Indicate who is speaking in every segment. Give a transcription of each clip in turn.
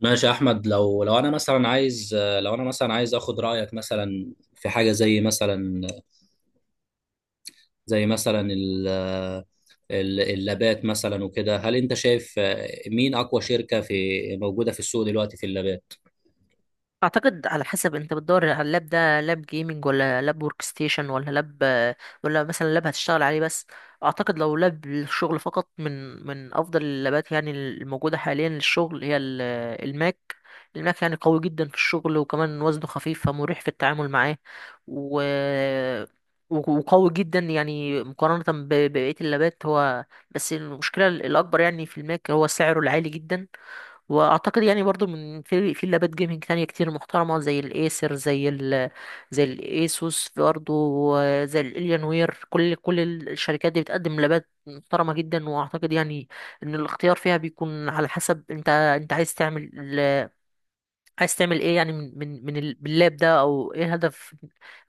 Speaker 1: ماشي يا احمد، لو انا مثلا عايز اخد رايك مثلا في حاجه زي مثلا، زي مثلا ال اللابات مثلا وكده. هل انت شايف مين اقوى شركه موجوده في السوق دلوقتي في اللابات؟
Speaker 2: اعتقد على حسب انت بتدور على اللاب، ده لاب جيمنج ولا لاب ورك ستيشن، ولا لاب، ولا مثلا لاب هتشتغل عليه بس. اعتقد لو لاب للشغل فقط، من افضل اللابات يعني الموجوده حاليا للشغل هي ال- الماك الماك. يعني قوي جدا في الشغل، وكمان وزنه خفيف فمريح في التعامل معاه، و وقوي جدا يعني مقارنة ببقية اللابات هو. بس المشكلة الأكبر يعني في الماك هو سعره العالي جدا. واعتقد يعني برضو من في في لابات جيمنج تانية كتير محترمه، زي الايسر، زي الايسوس برضو، زي الاليان وير. كل الشركات دي بتقدم لابات محترمه جدا. واعتقد يعني ان الاختيار فيها بيكون على حسب انت عايز تعمل عايز تعمل ايه يعني من اللاب ده،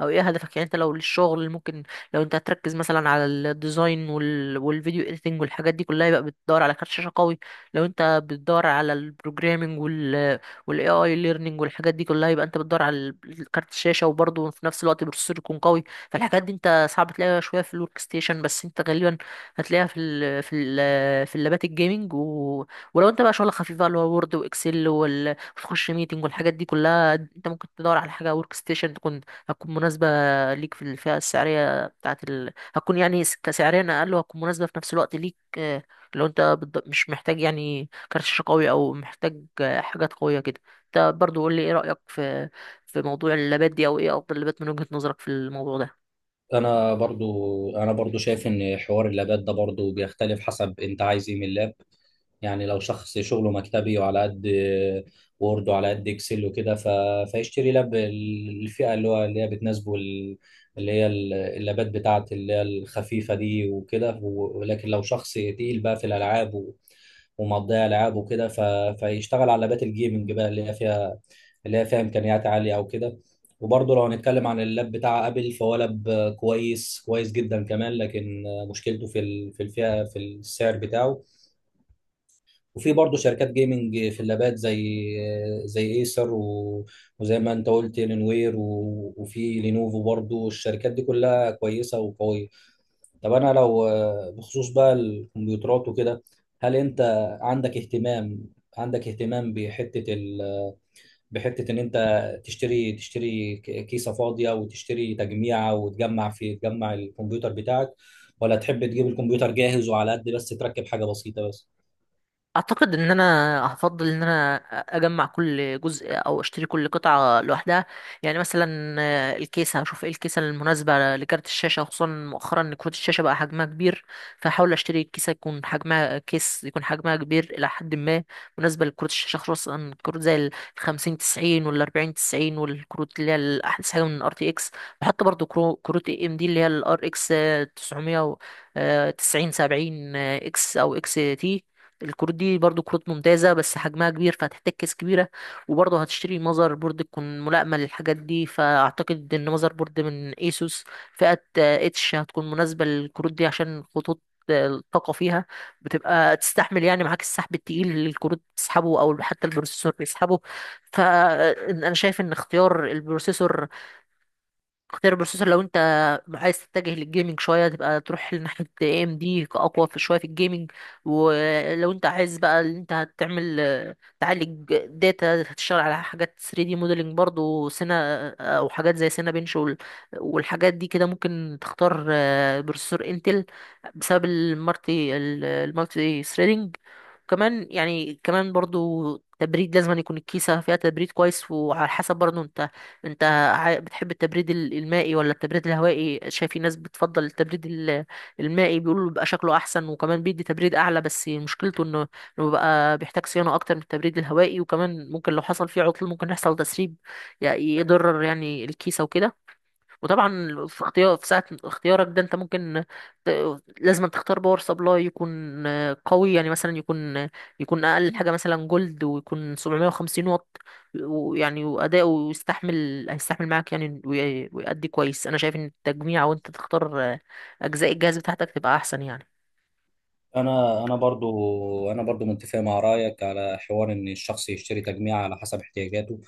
Speaker 2: او ايه هدفك. يعني انت لو للشغل ممكن، لو انت هتركز مثلا على الديزاين والفيديو اديتنج والحاجات دي كلها، يبقى بتدور على كارت شاشة قوي. لو انت بتدور على البروجرامينج والاي اي ليرنينج والحاجات دي كلها، يبقى انت بتدور على كارت الشاشة، وبرضه في نفس الوقت بروسيسور يكون قوي. فالحاجات دي انت صعب تلاقيها شوية في الورك ستيشن، بس انت غالبا هتلاقيها في اللابات الجيمنج. ولو انت بقى شغل خفيف بقى اللي هو وورد واكسل وتخش ميتنج والحاجات دي كلها، انت ممكن تدور على حاجه ورك ستيشن تكون، هتكون مناسبه ليك في الفئه السعريه هتكون يعني كسعريا اقل، وهتكون مناسبه في نفس الوقت ليك. لو انت مش محتاج يعني كارت شاشه قوي، او محتاج حاجات قويه كده. انت برضو قول لي، ايه رايك في في موضوع اللابات دي، او ايه افضل لابات من وجهه نظرك في الموضوع ده؟
Speaker 1: انا برضو شايف ان حوار اللابات ده برضو بيختلف حسب انت عايز ايه من اللاب. يعني لو شخص شغله مكتبي وعلى قد وورد وعلى قد اكسل وكده، فيشتري لاب الفئة اللي هي بتناسبه، اللابات بتاعت اللي هي الخفيفة دي وكده، ولكن لو شخص تقيل بقى في الالعاب ومقضيها العاب وكده، فيشتغل على لابات الجيمنج بقى اللي هي فيها امكانيات عاليه او كده. وبرضه لو هنتكلم عن اللاب بتاع ابل، فهو لاب كويس كويس جدا كمان. لكن مشكلته في السعر بتاعه. وفي برضه شركات جيمنج في اللابات زي ايسر، وزي ما انت قلت لينوير، وفي لينوفو برضه. الشركات دي كلها كويسه وقويه. طب انا لو، بخصوص بقى الكمبيوترات وكده، هل انت عندك اهتمام عندك اهتمام بحته، ان انت تشتري كيسه فاضيه وتشتري تجميعه، وتجمع في تجمع الكمبيوتر بتاعك؟ ولا تحب تجيب الكمبيوتر جاهز وعلى قد بس تركب حاجه بسيطه بس؟
Speaker 2: اعتقد ان انا هفضل ان انا اجمع كل جزء او اشتري كل قطعه لوحدها. يعني مثلا الكيسه هشوف ايه الكيسه المناسبه لكارت الشاشه، خصوصا مؤخرا ان كروت الشاشه بقى حجمها كبير. فهحاول اشتري كيسه يكون حجمها، كبير الى حد ما، مناسبه لكروت الشاشه، خصوصا كروت زي ال 50 90 وال 40 90، والكروت اللي هي الاحدث حاجه من ار تي اكس. بحط برضو كروت اي ام دي اللي هي الار اكس 900 90 70 اكس او اكس تي. الكروت دي برضو كروت ممتازة، بس حجمها كبير فهتحتاج كيس كبيرة. وبرضو هتشتري ماذر بورد تكون ملائمة للحاجات دي. فأعتقد إن ماذر بورد من ايسوس فئة اتش هتكون مناسبة للكروت دي، عشان خطوط الطاقة فيها بتبقى تستحمل يعني معاك السحب التقيل اللي الكروت بتسحبه، أو حتى البروسيسور بيسحبه. فأنا شايف إن اختيار البروسيسور، اختيار البروسيسور لو انت عايز تتجه للجيمنج شويه، تبقى تروح لناحيه اي ام دي، اقوى في شويه في الجيمنج. ولو انت عايز بقى اللي انت هتعمل تعالج داتا، هتشتغل على حاجات 3 دي موديلنج برضو سينا، او حاجات زي سينا بنش والحاجات دي كده، ممكن تختار بروسيسور انتل بسبب المالتي ثريدنج. كمان يعني كمان برضو تبريد، لازم أن يكون الكيسة فيها تبريد كويس. وعلى حسب برضو انت، انت، بتحب التبريد المائي ولا التبريد الهوائي؟ شايف في ناس بتفضل التبريد المائي، بيقولوا بيبقى شكله احسن، وكمان بيدي تبريد اعلى، بس مشكلته انه، انه بيبقى بيحتاج صيانه اكتر من التبريد الهوائي. وكمان ممكن لو حصل فيه عطل ممكن يحصل تسريب يعني يضرر يعني الكيسه وكده. وطبعا في اختيار، في ساعة اختيارك ده انت ممكن ت... لازم تختار باور سبلاي يكون قوي، يعني مثلا يكون، يكون اقل حاجة مثلا جولد، ويكون 750 واط، ويعني واداؤه يستحمل، هيستحمل معاك يعني، ويأدي كويس. انا شايف ان التجميع وانت تختار اجزاء الجهاز بتاعتك تبقى احسن يعني.
Speaker 1: انا برضو متفق مع رايك على حوار ان الشخص يشتري تجميع على حسب احتياجاته.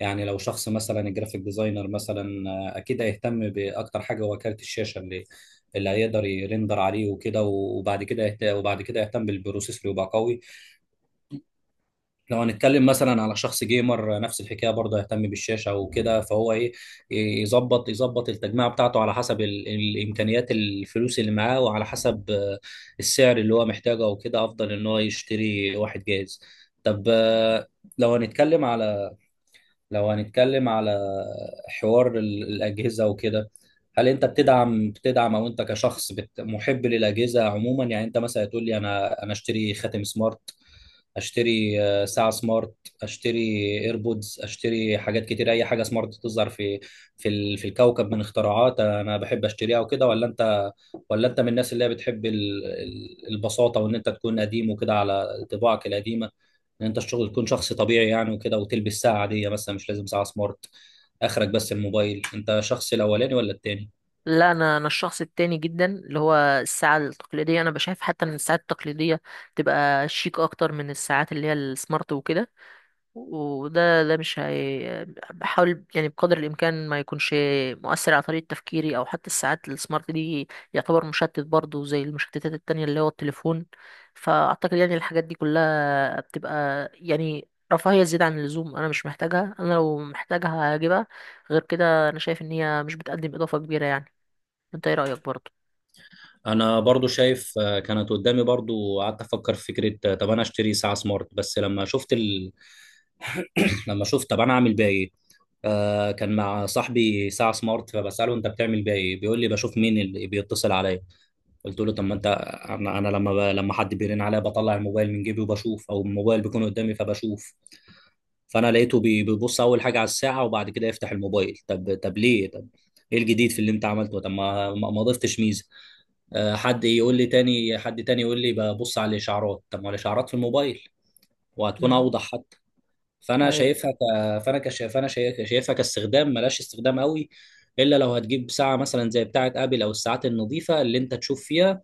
Speaker 1: يعني لو شخص مثلا الجرافيك ديزاينر مثلا، اكيد هيهتم باكتر حاجه هو كارت الشاشه اللي هيقدر يرندر عليه وكده، وبعد كده يهتم بالبروسيسور يبقى قوي. لو هنتكلم مثلا على شخص جيمر، نفس الحكايه برضه يهتم بالشاشه وكده، فهو ايه، يظبط التجميع بتاعته على حسب الامكانيات الفلوس اللي معاه، وعلى حسب، السعر اللي هو محتاجه وكده. افضل ان هو يشتري واحد جاهز. طب، لو هنتكلم على لو هنتكلم على حوار الأجهزة وكده. هل أنت بتدعم، أو أنت كشخص محب للأجهزة عموما؟ يعني أنت مثلا تقول لي، أنا أشتري خاتم سمارت، أشتري، ساعة سمارت، أشتري إيربودز، أشتري حاجات كتير، أي حاجة سمارت تظهر في الكوكب من اختراعات أنا بحب أشتريها وكده. ولا أنت من الناس اللي هي بتحب البساطة، وإن أنت تكون قديم وكده على طباعك القديمة. ان انت الشغل تكون شخص طبيعي يعني وكده، وتلبس ساعه عاديه مثلا، مش لازم ساعه سمارت. اخرك بس الموبايل. انت شخص الاولاني ولا التاني؟
Speaker 2: لا، انا الشخص التاني جدا، اللي هو الساعه التقليديه. انا بشايف حتى ان الساعات التقليديه تبقى شيك اكتر من الساعات اللي هي السمارت وكده. وده مش هي. بحاول يعني بقدر الامكان ما يكونش مؤثر على طريقه تفكيري، او حتى الساعات السمارت دي يعتبر مشتت برضه، زي المشتتات التانية اللي هو التليفون. فاعتقد يعني الحاجات دي كلها بتبقى يعني رفاهية زيادة عن اللزوم، انا مش محتاجها. انا لو محتاجها هجيبها، غير كده انا شايف ان هي مش بتقدم اضافة كبيرة يعني. انت ايه رأيك برضه؟
Speaker 1: انا برضو شايف، كانت قدامي برضو قعدت افكر في فكره، طب انا اشتري ساعه سمارت. بس لما شفت، طب انا اعمل بيها ايه؟ كان مع صاحبي ساعه سمارت، فبساله انت بتعمل بيها ايه؟ بيقول لي بشوف مين اللي بيتصل عليا. قلت له طب، ما انت انا لما، حد بيرن عليا بطلع الموبايل من جيبي وبشوف، او الموبايل بيكون قدامي فبشوف. فانا لقيته بيبص اول حاجه على الساعه وبعد كده يفتح الموبايل. طب ليه؟ طب ايه الجديد في اللي انت عملته؟ طب ما ضفتش ميزه. حد تاني يقول لي ببص على الاشعارات. طب ما الاشعارات في الموبايل وهتكون
Speaker 2: امم.
Speaker 1: اوضح حتى. فانا
Speaker 2: ايوه.
Speaker 1: شايفها ك... فانا كش... فانا شايف... شايفها كاستخدام، ملاش استخدام قوي. الا لو هتجيب ساعه مثلا زي بتاعه ابل، او الساعات النظيفه اللي انت تشوف فيها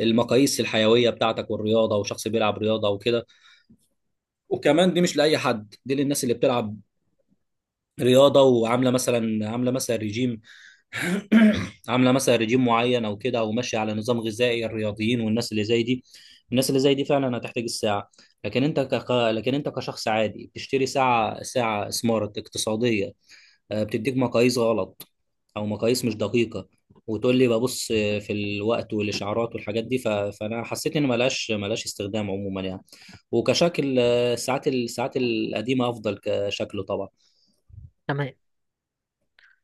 Speaker 1: المقاييس الحيويه بتاعتك والرياضه، وشخص بيلعب رياضه وكده. وكمان دي مش لاي حد، دي للناس اللي بتلعب رياضه وعامله مثلا، عامله مثلا ريجيم عامله مثلا ريجيم معين او كده، او ماشيه على نظام غذائي. الرياضيين والناس اللي زي دي، فعلا هتحتاج الساعه. لكن انت كشخص عادي بتشتري ساعه سمارت اقتصاديه، بتديك مقاييس غلط، او مقاييس مش دقيقه، وتقول لي ببص في الوقت والاشعارات والحاجات دي. فانا حسيت ان ملهاش استخدام عموما يعني. وكشكل، الساعات القديمه افضل كشكله طبعا.
Speaker 2: تمام.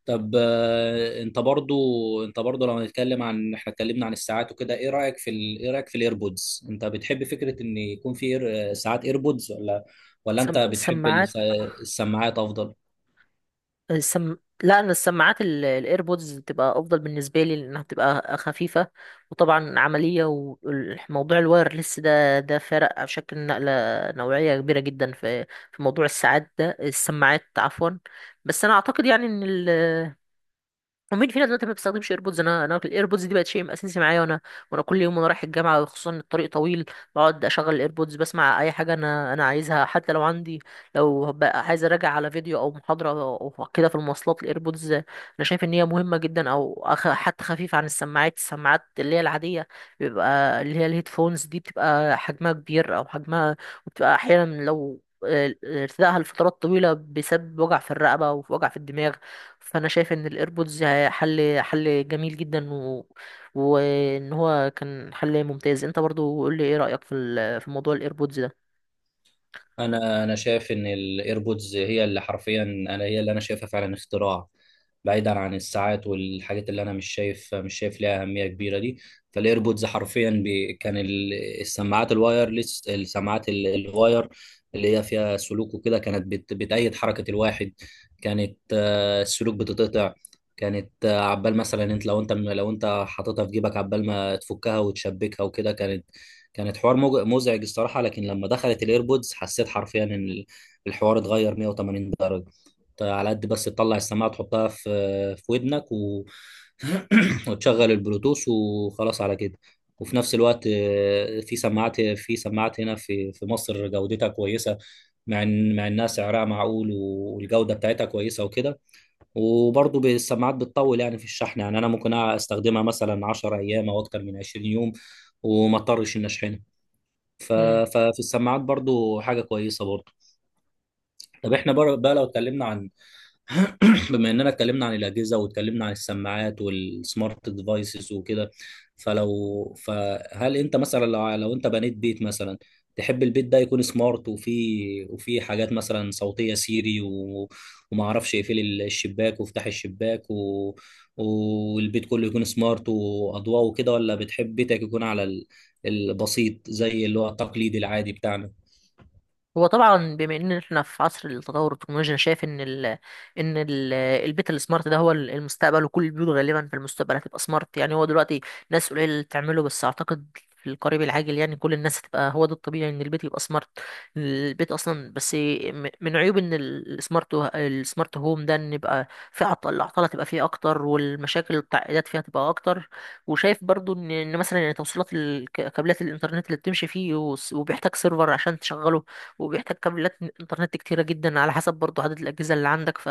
Speaker 1: طب، انت برضو لو هنتكلم عن احنا اتكلمنا عن الساعات وكده. ايه رايك في الايربودز؟ انت بتحب فكره ان يكون في ساعات ايربودز، ولا انت بتحب
Speaker 2: سماعات.
Speaker 1: السماعات افضل؟
Speaker 2: السم... لا، انا السماعات الايربودز بتبقى افضل بالنسبه لي، لانها بتبقى خفيفه، وطبعا عمليه. وموضوع الوايرلس ده، ده فرق على شكل نقله نوعيه كبيره جدا في في موضوع الساعات ده، السماعات عفوا. بس انا اعتقد يعني ومين فينا دلوقتي ما بيستخدمش ايربودز؟ انا الايربودز دي بقت شيء اساسي معايا. وانا، وانا كل يوم وانا رايح الجامعه، خصوصا إن الطريق طويل، بقعد اشغل الايربودز بسمع اي حاجه انا عايزها. حتى لو عندي، لو بقى عايز اراجع على فيديو او محاضره او كده في المواصلات، الايربودز انا شايف ان هي مهمه جدا. او حتى خفيف عن السماعات، السماعات اللي هي العاديه بيبقى اللي هي الهيدفونز دي، بتبقى حجمها كبير او حجمها. وبتبقى احيانا لو ارتدائها لفترات طويله بيسبب وجع في الرقبه ووجع في الدماغ. فانا شايف ان الايربودز حل جميل جدا. وان هو كان حل ممتاز. انت برضو قول لي ايه رأيك في في موضوع الايربودز ده؟
Speaker 1: انا شايف ان الايربودز، هي اللي انا شايفها فعلا اختراع. بعيدا عن الساعات والحاجات اللي انا مش شايف ليها اهميه كبيره دي. فالايربودز حرفيا كان السماعات الوايرلس، الواير اللي هي فيها سلوك وكده، كانت بتأيد حركه الواحد. كانت، السلوك بتتقطع. كانت، عبال مثلا انت، لو انت حاططها في جيبك، عبال ما تفكها وتشبكها وكده، كانت حوار مزعج الصراحة. لكن لما دخلت الايربودز، حسيت حرفيا ان الحوار اتغير 180 درجة. انت على قد بس تطلع السماعة تحطها في ودنك، وتشغل البلوتوث وخلاص على كده. وفي نفس الوقت، في سماعات هنا في مصر جودتها كويسة. مع انها سعرها معقول، والجودة بتاعتها كويسة وكده. وبرضه السماعات بتطول يعني في الشحن، يعني انا ممكن استخدمها مثلا 10 ايام او اكتر من 20 يوم، وما اضطرش اني اشحنها. ف... ففي السماعات برضو حاجة كويسة برضو. طب احنا بقى، لو اتكلمنا عن بما اننا اتكلمنا عن الأجهزة واتكلمنا عن السماعات والسمارت ديفايسز وكده، فهل انت مثلا، لو انت بنيت بيت مثلا، تحب البيت ده يكون سمارت، وفيه حاجات مثلا صوتية، سيري، وما اعرفش، يقفل الشباك وافتح الشباك، والبيت كله يكون سمارت واضواء وكده؟ ولا بتحب بيتك يكون على البسيط زي اللي هو التقليدي العادي بتاعنا؟
Speaker 2: هو طبعا بما ان احنا في عصر التطور التكنولوجي، انا شايف ان ال ان ال البيت السمارت ده هو المستقبل. وكل البيوت غالبا في المستقبل هتبقى سمارت. يعني هو دلوقتي ناس قليله اللي بتعمله، بس اعتقد في القريب العاجل يعني كل الناس هتبقى، هو ده الطبيعي ان البيت يبقى سمارت. البيت اصلا، بس من عيوب ان السمارت هوم ده، ان يبقى في عطل، الاعطال هتبقى فيه اكتر، والمشاكل والتعقيدات فيها تبقى اكتر. وشايف برضو ان إن مثلا يعني توصيلات كابلات الانترنت اللي بتمشي فيه، وبيحتاج سيرفر عشان تشغله، وبيحتاج كابلات انترنت كتيرة جدا على حسب برضو عدد الأجهزة اللي عندك.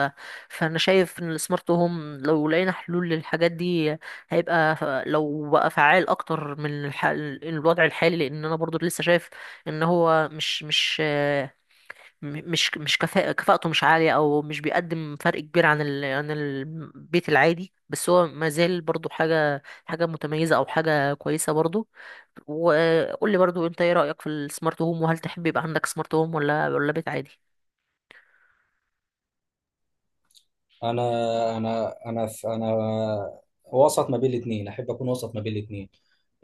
Speaker 2: فأنا شايف إن السمارت هوم لو لقينا حلول للحاجات دي هيبقى، لو بقى فعال أكتر من الوضع الحالي. لأن أنا برضو لسه شايف إن هو مش مش م- مش مش كفاءة كفاءته مش عالية، أو مش بيقدم فرق كبير عن البيت العادي. بس هو ما زال برضو حاجة متميزة أو حاجة كويسة برضو. وقول لي برضو أنت إيه رأيك في السمارت هوم؟ وهل تحب يبقى عندك سمارت هوم ولا بيت عادي؟
Speaker 1: انا انا وسط ما بين الاثنين، احب اكون وسط ما بين الاثنين.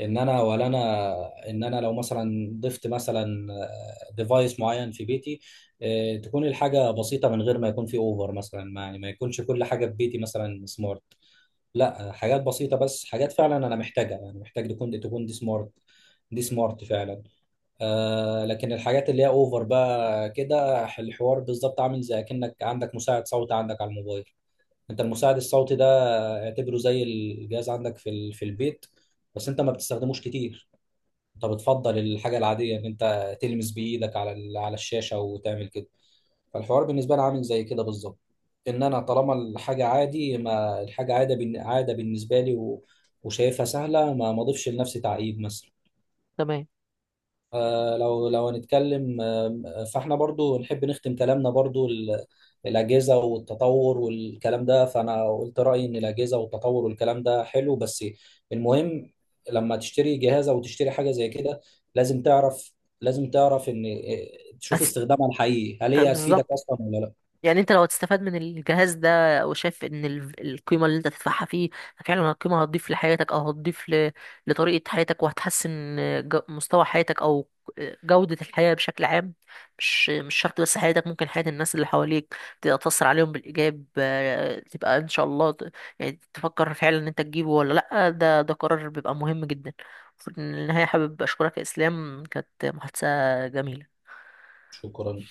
Speaker 1: ان انا ولا انا ان انا لو مثلا ضفت مثلا ديفايس معين في بيتي، تكون الحاجه بسيطه، من غير ما يكون في اوفر. مثلا ما يكونش كل حاجه في بيتي مثلا سمارت. لا، حاجات بسيطه بس، حاجات فعلا انا محتاجها، يعني محتاج تكون دي سمارت فعلا. لكن الحاجات اللي هي اوفر بقى كده، الحوار بالظبط عامل زي كأنك عندك مساعد صوت عندك على الموبايل. انت المساعد الصوتي ده، اعتبره زي الجهاز عندك في البيت. بس انت ما بتستخدموش كتير. انت بتفضل الحاجه العاديه ان انت تلمس بايدك على الشاشه وتعمل كده. فالحوار بالنسبه لي عامل زي كده بالظبط. ان انا طالما الحاجه عادي، ما الحاجه عاده بن- عاده بالنسبه لي، وشايفها سهله، ما اضيفش لنفسي تعقيد مثلا.
Speaker 2: تمام.
Speaker 1: لو هنتكلم، فاحنا برضو نحب نختم كلامنا برضو الأجهزة والتطور والكلام ده. فأنا قلت رأيي إن الأجهزة والتطور والكلام ده حلو، بس المهم لما تشتري جهاز أو تشتري حاجة زي كده، لازم تعرف لازم تعرف إن، تشوف
Speaker 2: بس،
Speaker 1: استخدامها الحقيقي، هل هي هتفيدك
Speaker 2: بالظبط.
Speaker 1: أصلا ولا لا.
Speaker 2: يعني انت لو هتستفاد من الجهاز ده، وشايف ان القيمه اللي انت تدفعها فيه فعلا القيمه هتضيف لحياتك، او هتضيف لطريقه حياتك، وهتحسن مستوى حياتك او جوده الحياه بشكل عام. مش مش شرط بس حياتك، ممكن حياه الناس اللي حواليك تبقى تاثر عليهم بالايجاب. تبقى ان شاء الله يعني تفكر فعلا ان انت تجيبه ولا لا. ده قرار بيبقى مهم جدا. في النهايه حابب اشكرك يا اسلام، كانت محادثه جميله.
Speaker 1: شكرا.